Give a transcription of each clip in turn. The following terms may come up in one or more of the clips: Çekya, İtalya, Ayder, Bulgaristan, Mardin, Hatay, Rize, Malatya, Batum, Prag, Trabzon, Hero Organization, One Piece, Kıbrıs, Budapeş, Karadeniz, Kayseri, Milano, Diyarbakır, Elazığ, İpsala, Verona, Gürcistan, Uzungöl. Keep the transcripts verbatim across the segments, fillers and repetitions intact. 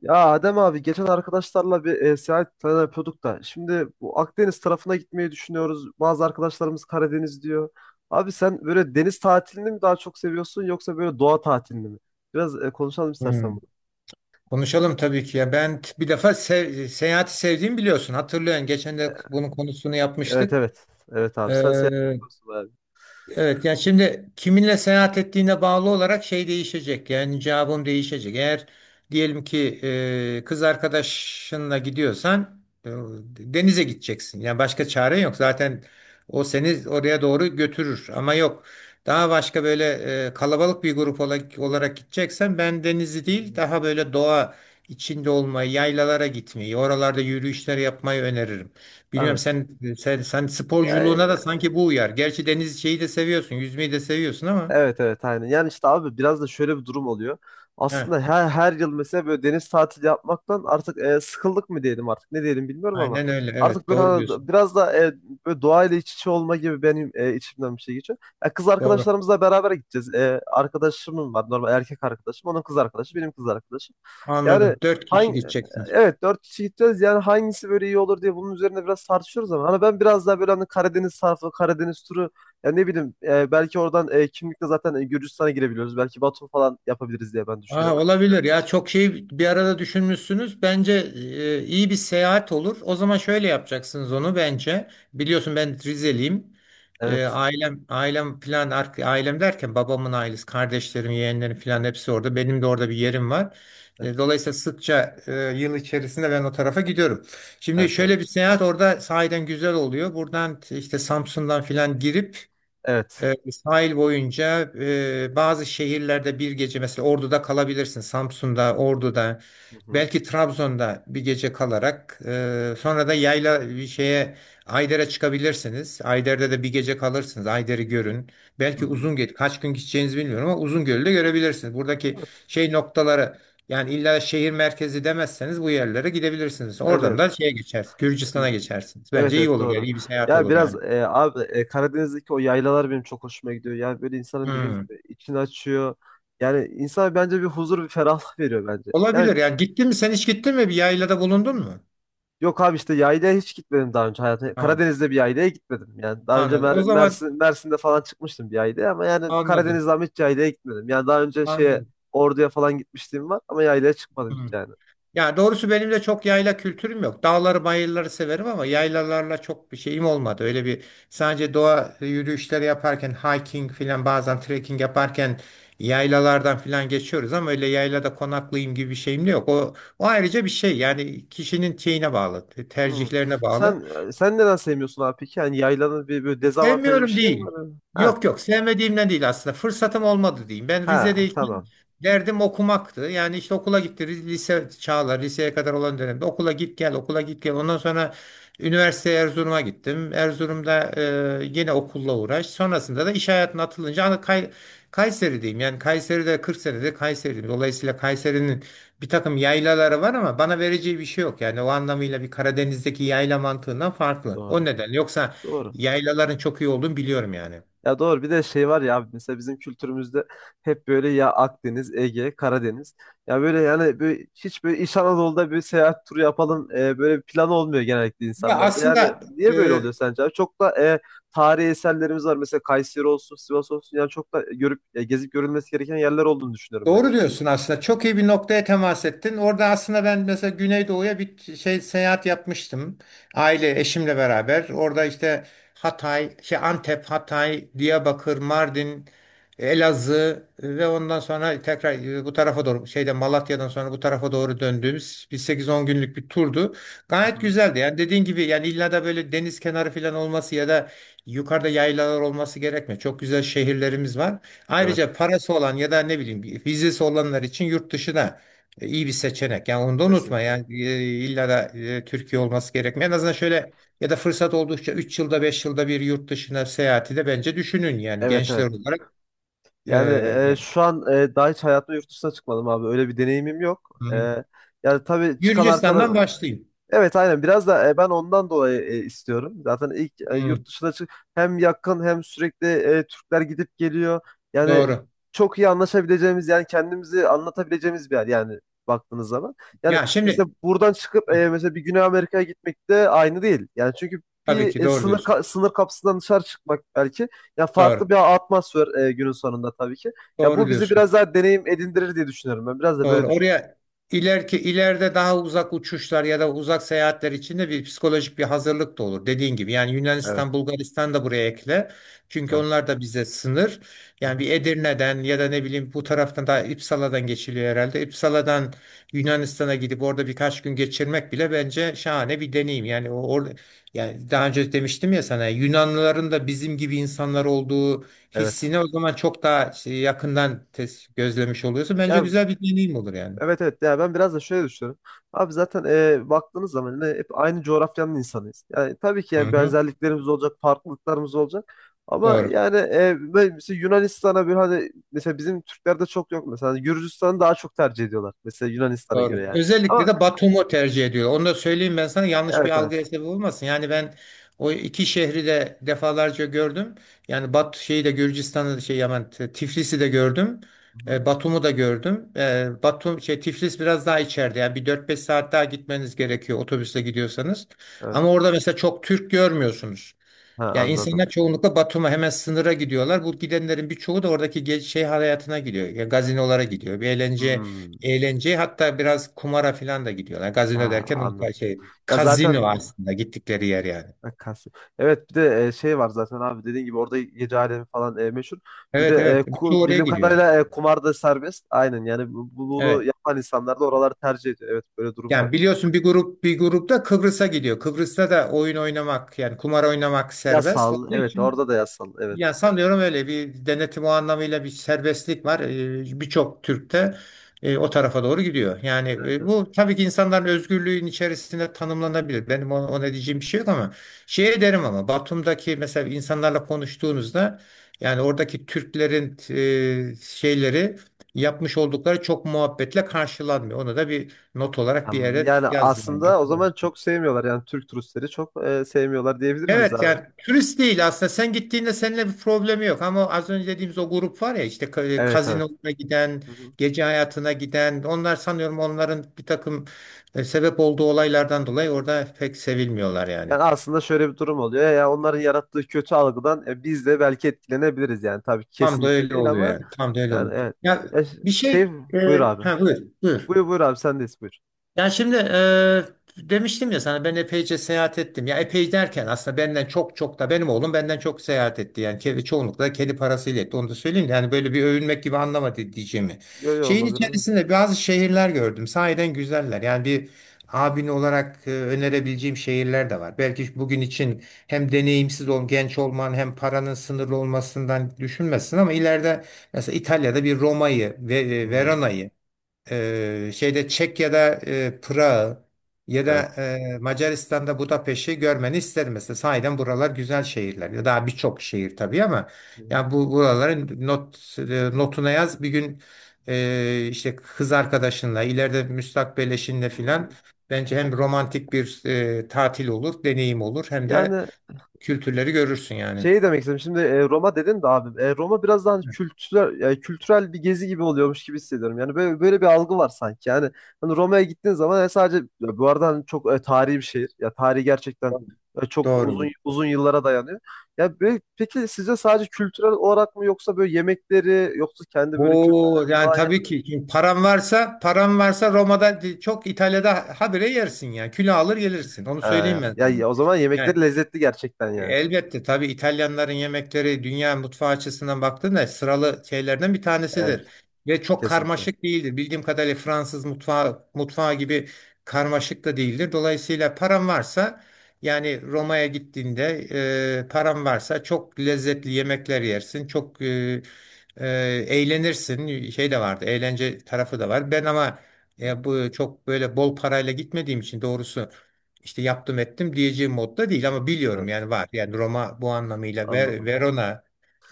Ya Adem abi geçen arkadaşlarla bir e, seyahat planı yapıyorduk da şimdi bu Akdeniz tarafına gitmeyi düşünüyoruz. Bazı arkadaşlarımız Karadeniz diyor. Abi sen böyle deniz tatilini mi daha çok seviyorsun yoksa böyle doğa tatilini mi? Biraz e, konuşalım istersen Hmm. bunu. Konuşalım tabii ki ya. Ben t- bir defa sev- seyahati sevdiğimi biliyorsun. Hatırlıyorsun. Geçen de bunun konusunu Evet, yapmıştık. evet. Evet abi sen seyahat Ee, yapıyorsun abi. Evet, yani şimdi kiminle seyahat ettiğine bağlı olarak şey değişecek. Yani cevabım değişecek. Eğer diyelim ki e, kız arkadaşınla gidiyorsan e, denize gideceksin. Yani başka çare yok. Zaten o seni oraya doğru götürür. Ama yok. Daha başka böyle e, kalabalık bir grup ola- olarak gideceksen ben denizi değil daha böyle doğa içinde olmayı, yaylalara gitmeyi, oralarda yürüyüşler yapmayı öneririm. Bilmiyorum Evet. sen, sen sen Ya, sporculuğuna da sanki bu uyar. Gerçi deniz şeyi de seviyorsun, yüzmeyi de seviyorsun ama. evet evet, aynen. Yani işte abi biraz da şöyle bir durum oluyor. Heh, Aslında her, her yıl mesela böyle deniz tatili yapmaktan artık e, sıkıldık mı diyelim artık ne diyelim bilmiyorum ama aynen öyle. artık Evet, böyle doğru hani diyorsun. biraz da e, böyle doğayla iç içe olma gibi benim e, içimden bir şey geçiyor. Ya kız Doğru. arkadaşlarımızla beraber gideceğiz. E, arkadaşımın var normal erkek arkadaşım onun kız arkadaşı benim kız arkadaşım. Yani Anladım. Dört kişi hangi gideceksiniz. evet dört kişi gideceğiz, yani hangisi böyle iyi olur diye bunun üzerine biraz tartışıyoruz ama hani ben biraz daha böyle hani Karadeniz tarafı Karadeniz turu ya ne bileyim e, belki oradan e, kimlikle zaten e, Gürcistan'a girebiliyoruz. Belki Batum falan yapabiliriz diye ben Aa, düşünüyorum. olabilir ya, çok şey bir arada düşünmüşsünüz. Bence e, iyi bir seyahat olur. O zaman şöyle yapacaksınız onu bence. Biliyorsun ben Rizeliyim. E, Evet. ailem ailem falan, ar- ailem derken babamın ailesi, kardeşlerim, yeğenlerim falan hepsi orada. Benim de orada bir yerim var. E, Evet. Dolayısıyla sıkça e, yıl içerisinde ben o tarafa gidiyorum. Şimdi Evet. Evet. şöyle bir seyahat orada sahiden güzel oluyor. Buradan t- işte Samsun'dan falan girip Evet. e, sahil boyunca e, bazı şehirlerde bir gece mesela Ordu'da kalabilirsin. Samsun'da, Ordu'da, Hı hı. belki Trabzon'da bir gece kalarak e, sonra da yayla bir şeye, Ayder'e çıkabilirsiniz. Ayder'de de bir gece kalırsınız. Ayder'i görün. Hı Belki hı. Uzungöl, kaç gün gideceğinizi bilmiyorum ama, Uzungöl'ü de görebilirsiniz. Buradaki Evet. şey noktaları, yani illa şehir merkezi demezseniz bu yerlere gidebilirsiniz. Evet. Oradan Evet. da şeye geçersiniz. E, Gürcistan'a geçersiniz. evet Bence iyi evet, olur, yani doğru. iyi bir seyahat Ya olur biraz yani. e, abi e, Karadeniz'deki o yaylalar benim çok hoşuma gidiyor. Yani böyle insanın dediğim Hmm. gibi içini açıyor. Yani insana bence bir huzur, bir ferahlık veriyor bence. Yani Olabilir yani. Gittin mi sen hiç, gittin mi bir yaylada bulundun mu? yok abi, işte yaylaya hiç gitmedim daha önce hayatımda. Tamam, Karadeniz'de bir yaylaya gitmedim. Yani daha önce anladım. O Mer- zaman Mersin, Mersin'de falan çıkmıştım bir yaylaya ama yani anladın. Karadeniz'de ama hiç yaylaya gitmedim. Yani daha önce şeye Anladım. Ordu'ya falan gitmişliğim var ama yaylaya çıkmadım Hı. hiç yani. Yani doğrusu benim de çok yayla kültürüm yok. Dağları bayırları severim ama yaylalarla çok bir şeyim olmadı. Öyle bir, sadece doğa yürüyüşleri yaparken hiking filan, bazen trekking yaparken yaylalardan filan geçiyoruz ama öyle yaylada konaklayayım gibi bir şeyim de yok. O, o ayrıca bir şey, yani kişinin şeyine bağlı, Hmm. tercihlerine bağlı. Sen e, sen neden sevmiyorsun abi peki? Yani yaylanın bir böyle dezavantajı bir Sevmiyorum şey mi değil. var? Ha, Yok yok sevmediğimden değil aslında. Fırsatım olmadı diyeyim. Ben ha, Rize'deyken tamam. derdim okumaktı. Yani işte okula gitti. Ri- Lise çağlar, liseye kadar olan dönemde okula git gel, okula git gel. Ondan sonra üniversiteye Erzurum'a gittim. Erzurum'da e, yine okulla uğraş. Sonrasında da iş hayatına atılınca hani Kay, Kayseri'deyim. Yani Kayseri'de kırk senedir Kayseri'deyim. Dolayısıyla Kayseri'nin bir takım yaylaları var ama bana vereceği bir şey yok. Yani o anlamıyla bir Karadeniz'deki yayla mantığından farklı. O Doğru. neden. Yoksa Doğru. yaylaların çok iyi olduğunu biliyorum yani. Ya doğru, bir de şey var ya abi, mesela bizim kültürümüzde hep böyle ya Akdeniz, Ege, Karadeniz. Ya böyle yani böyle hiç böyle İç Anadolu'da bir seyahat turu yapalım, e, böyle bir plan olmuyor genellikle Ya insanlarda. Yani aslında niye böyle e, oluyor sence abi? Çok da e, tarihi eserlerimiz var mesela Kayseri olsun, Sivas olsun, yani çok da görüp e, gezip görülmesi gereken yerler olduğunu düşünüyorum ben doğru yani. diyorsun aslında. Çok iyi bir noktaya temas ettin. Orada aslında ben mesela Güneydoğu'ya bir şey, seyahat yapmıştım. Aile, eşimle beraber. Orada işte Hatay, şey Antep, Hatay, Diyarbakır, Mardin, Elazığ e, ve ondan sonra tekrar e, bu tarafa doğru şeyde, Malatya'dan sonra bu tarafa doğru döndüğümüz bir sekiz on günlük bir turdu. Hı Gayet hı. güzeldi. Yani dediğin gibi, yani illa da böyle deniz kenarı falan olması ya da yukarıda yaylalar olması gerekmiyor. Çok güzel şehirlerimiz var. Evet, Ayrıca parası olan ya da ne bileyim bir vizesi olanlar için yurt dışı da e, iyi bir seçenek. Yani onu da unutma. kesinlikle. Yani e, illa da e, Türkiye olması gerekmiyor. En azından şöyle, ya da fırsat oldukça üç yılda beş yılda bir yurt dışına seyahati de bence düşünün yani Evet gençler evet. olarak. E, Yani e, Yani. şu an e, daha hiç hayatımda yurt dışına çıkmadım abi. Öyle bir deneyimim yok. Hmm. E, yani tabii çıkan arkadaş... Gürcistan'dan başlayayım. Evet aynen, biraz da e, ben ondan dolayı e, istiyorum. Zaten ilk e, Hmm, yurt dışına çık, hem yakın hem sürekli e, Türkler gidip geliyor. Yani doğru. çok iyi anlaşabileceğimiz, yani kendimizi anlatabileceğimiz bir yer yani baktığınız zaman. Yani Ya mesela şimdi buradan çıkıp e, mesela bir Güney Amerika'ya gitmek de aynı değil. Yani çünkü tabii bir ki e, doğru sınır diyorsun. ka- sınır kapısından dışarı çıkmak belki ya farklı Doğru. bir atmosfer, e, günün sonunda tabii ki. Ya Doğru bu bizi diyorsun. biraz daha deneyim edindirir diye düşünüyorum ben. Biraz da böyle Doğru. düşünüyorum. Oraya ileriki ileride daha uzak uçuşlar ya da uzak seyahatler için de bir psikolojik bir hazırlık da olur. Dediğin gibi yani Evet, Yunanistan, Bulgaristan da buraya ekle. Çünkü evet. onlar da bize sınır. Hı Yani hı. bir Edirne'den ya da ne bileyim bu taraftan da İpsala'dan geçiliyor herhalde. İpsala'dan Yunanistan'a gidip orada birkaç gün geçirmek bile bence şahane bir deneyim. Yani o or- yani daha önce demiştim ya sana, Yunanlıların da bizim gibi insanlar olduğu Evet. hissini o zaman çok daha şey, yakından tes- gözlemiş oluyorsun. Bence Ya güzel bir deneyim olur yani. evet evet, ya ben biraz da şöyle düşünüyorum. Abi zaten e, baktığınız zaman yine hep aynı coğrafyanın insanıyız. Yani tabii ki Hı yani hı. benzerliklerimiz olacak, farklılıklarımız olacak. Ama Doğru. yani e, böyle mesela Yunanistan'a bir hani, mesela bizim Türklerde çok yok mesela. Hani Gürcistan'ı daha çok tercih ediyorlar mesela Yunanistan'a Doğru. göre yani. Özellikle Ama de Batum'u tercih ediyor. Onu da söyleyeyim ben sana, yanlış bir evet evet. algıya sebep olmasın. Yani ben o iki şehri de defalarca gördüm. Yani Bat şeyi de, Gürcistan'ı da, şey Yaman T- Tiflis'i de gördüm. Hı hı. E, Batum'u da gördüm. E, Batum şey, Tiflis biraz daha içeride. Yani bir dört beş saat daha gitmeniz gerekiyor otobüsle gidiyorsanız. Evet. Ama orada mesela çok Türk görmüyorsunuz. Ha, Yani anladım. insanlar çoğunlukla Batum'a, hemen sınıra gidiyorlar. Bu gidenlerin birçoğu da oradaki ge- şey hayatına gidiyor. Ya gazinolara gidiyor. Bir eğlence, Hmm. eğlence, hatta biraz kumara falan da gidiyorlar. Gazino Ha, derken o tarz anladım. şey, Ya zaten kazino aslında gittikleri yer yani. e, Kasım. Evet bir de e, şey var zaten abi, dediğin gibi orada gece alemi falan e, meşhur. Bir de Evet, e, evet. Birçoğu ku- oraya bildiğim gidiyor. kadarıyla e, kumar da serbest. Aynen, yani bu- bu- bunu Evet. yapan insanlar da oraları tercih ediyor. Evet, böyle durum var. Yani biliyorsun bir grup, bir grupta Kıbrıs'a gidiyor. Kıbrıs'ta da oyun oynamak, yani kumar oynamak serbest Yasal, olduğu evet için, orada da yasal, evet. ya sanıyorum öyle bir denetim, o anlamıyla bir serbestlik var. Ee, Birçok Türk'te o tarafa doğru gidiyor. Yani Evet e, evet. bu tabii ki insanların özgürlüğün içerisinde tanımlanabilir. Benim ona, ona diyeceğim bir şey yok ama şey derim ama, Batum'daki mesela insanlarla konuştuğunuzda, yani oradaki Türklerin e, şeyleri yapmış oldukları çok muhabbetle karşılanmıyor. Onu da bir not olarak bir Am, yere Yani yaz yani. aslında o zaman çok sevmiyorlar, yani Türk turistleri çok e, sevmiyorlar diyebilir miyiz Evet, abi? yani turist değil aslında, sen gittiğinde seninle bir problemi yok ama az önce dediğimiz o grup var ya işte, ka- e, Evet evet. kazinolara giden, Hı hı. gece hayatına giden, onlar sanıyorum onların bir takım e, sebep olduğu olaylardan dolayı orada pek sevilmiyorlar yani. Yani aslında şöyle bir durum oluyor. Ya onların yarattığı kötü algıdan e, biz de belki etkilenebiliriz yani. Tabii ki Tam da kesinlikle öyle değil oluyor ama yani, tam da öyle oluyor. yani evet. Ya Ya ş- bir şey şey, e, buyur abi. ha, buyur, buyur. Buyur, buyur abi, sendeyiz, buyur. Yani şimdi eee, demiştim ya sana ben epeyce seyahat ettim. Ya epey derken aslında benden çok, çok da benim oğlum benden çok seyahat etti. Yani kedi, çoğunlukla kedi parasıyla etti. Onu da söyleyeyim. De yani böyle bir övünmek gibi anlamadı diyeceğimi. Yo yo, Şeyin olabilir. içerisinde bazı şehirler gördüm. Sahiden güzeller. Yani bir abin olarak e, önerebileceğim şehirler de var. Belki bugün için hem deneyimsiz ol, genç olman hem paranın sınırlı olmasından düşünmezsin ama ileride mesela İtalya'da bir Roma'yı ve Hı e, hı. Verona'yı, ee, şeyde Çekya'da e, Prag'ı, ya da Evet. e, Macaristan'da Budapeş'i görmeni isterim mesela. Sahiden buralar güzel şehirler. Ya daha birçok şehir tabii ama Hı hı. ya bu buraların not e, notuna yaz. Bir gün e, işte kız arkadaşınla, ileride müstakbel eşinle filan, Hı. bence hem romantik bir e, tatil olur, deneyim olur, hem de Yani kültürleri görürsün yani. şey demek istedim. Şimdi e, Roma dedin de abi. e, Roma biraz daha hani kültürel, yani kültürel bir gezi gibi oluyormuş gibi hissediyorum. Yani böyle böyle bir algı var sanki. Yani hani Roma'ya gittiğin zaman e, sadece ya, bu arada hani çok e, tarihi bir şehir. Ya tarihi gerçekten e, çok Doğru. uzun uzun yıllara dayanıyor. Ya böyle, peki sizce sadece kültürel olarak mı yoksa böyle yemekleri yoksa kendi böyle Oo kültürleri yani falan yani? tabii ki. Şimdi param varsa, param varsa Roma'da, çok İtalya'da habire yersin ya. Kilo alır gelirsin. Onu Ee, söyleyeyim ben ya sana. ya o zaman yemekleri Yani. lezzetli gerçekten E, yani. Elbette tabii İtalyanların yemekleri dünya mutfağı açısından baktığında sıralı şeylerden bir Evet. tanesidir. Ve çok Kesinlikle. karmaşık değildir. Bildiğim kadarıyla Fransız mutfağı, mutfağı gibi karmaşık da değildir. Dolayısıyla param varsa, yani Roma'ya gittiğinde e, param varsa çok lezzetli yemekler yersin. Çok e, e, Eğlenirsin. Şey de vardı, eğlence tarafı da var. Ben ama Hı, e, bu çok böyle bol parayla gitmediğim için doğrusu, işte yaptım ettim diyeceğim modda değil hı. ama biliyorum Evet, yani var. Yani Roma bu anlamıyla Ver- anladım. Verona,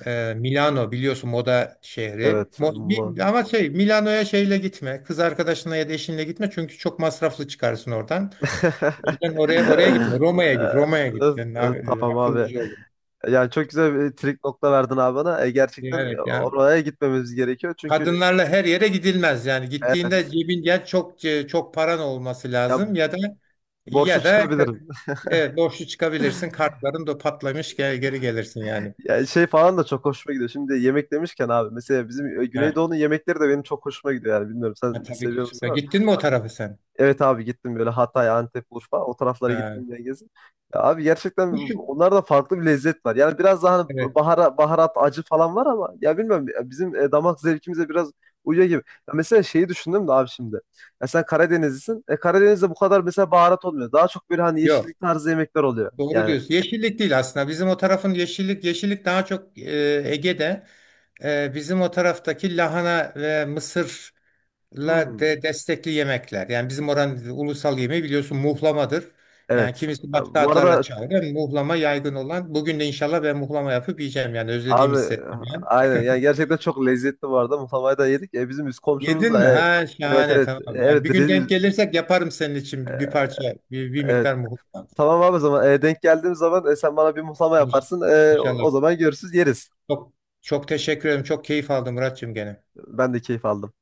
e, Milano biliyorsun moda şehri. Evet, Mo- ama... Mi- ama şey, Milano'ya şeyle gitme. Kız arkadaşınla ya da eşinle gitme çünkü çok masraflı çıkarsın oradan. O yüzden oraya oraya gitme. Roma'ya Ee, git. Roma'ya git. evet, Sen evet, a- e, tamam abi. akıllıca ol. Yani çok güzel bir trik nokta verdin abi bana. E, gerçekten e, Yani ya oraya gitmemiz gerekiyor. Çünkü kadınlarla her yere gidilmez. Yani gittiğinde evet, cebin, ya çok e, çok paran olması ya lazım, ya da, borçlu ya da çıkabilirim. evet borçlu çıkabilirsin. Kartların da patlamış gel, geri gelirsin yani. Yani şey falan da çok hoşuma gidiyor. Şimdi yemek demişken abi mesela bizim e, Ha, Güneydoğu'nun yemekleri de benim çok hoşuma gidiyor yani, bilmiyorum sen ha, tabii ki seviyor musun? süper. Gittin mi o tarafa sen? Evet abi, gittim böyle Hatay, Antep, Urfa o taraflara Ha, gittim diye gezdim. Ya abi gerçekten bu şu- onlarda farklı bir lezzet var. Yani biraz daha hani evet. bahara, baharat, acı falan var ama ya bilmiyorum ya bizim e, damak zevkimize biraz uyuyor gibi. Ya mesela şeyi düşündüm de abi şimdi. Ya sen Karadenizlisin. E, Karadeniz'de bu kadar mesela baharat olmuyor. Daha çok böyle hani Yok. yeşillik tarzı yemekler oluyor. Doğru Yani diyorsun. Yeşillik değil aslında. Bizim o tarafın yeşillik, yeşillik daha çok e, Ege'de. E, bizim o taraftaki lahana ve mısırla hmm, de destekli yemekler. Yani bizim oranın ulusal yemeği biliyorsun muhlamadır. Yani evet. kimisi Ya başka bu adlarla arada çağırıyor. Muhlama yaygın olan. Bugün de inşallah ben muhlama yapıp yiyeceğim. Yani özlediğimi abi, hissettim yani. aynen yani gerçekten çok lezzetli bu arada. Muhlamayı da yedik. E, bizim üst komşumuz Yedin mi? da e, Ha evet şahane, evet. E, tamam. Yani evet bir gün Riz- denk gelirsek yaparım senin için bir bir e, parça, bir, bir evet, miktar muhakkak. tamam abi. O zaman e, denk geldiğim zaman e, sen bana bir muhlama İnş- yaparsın. E, o İnşallah. o zaman görürsüz yeriz. Çok Çok teşekkür ederim. Çok keyif aldım Muratçığım gene. Ben de keyif aldım.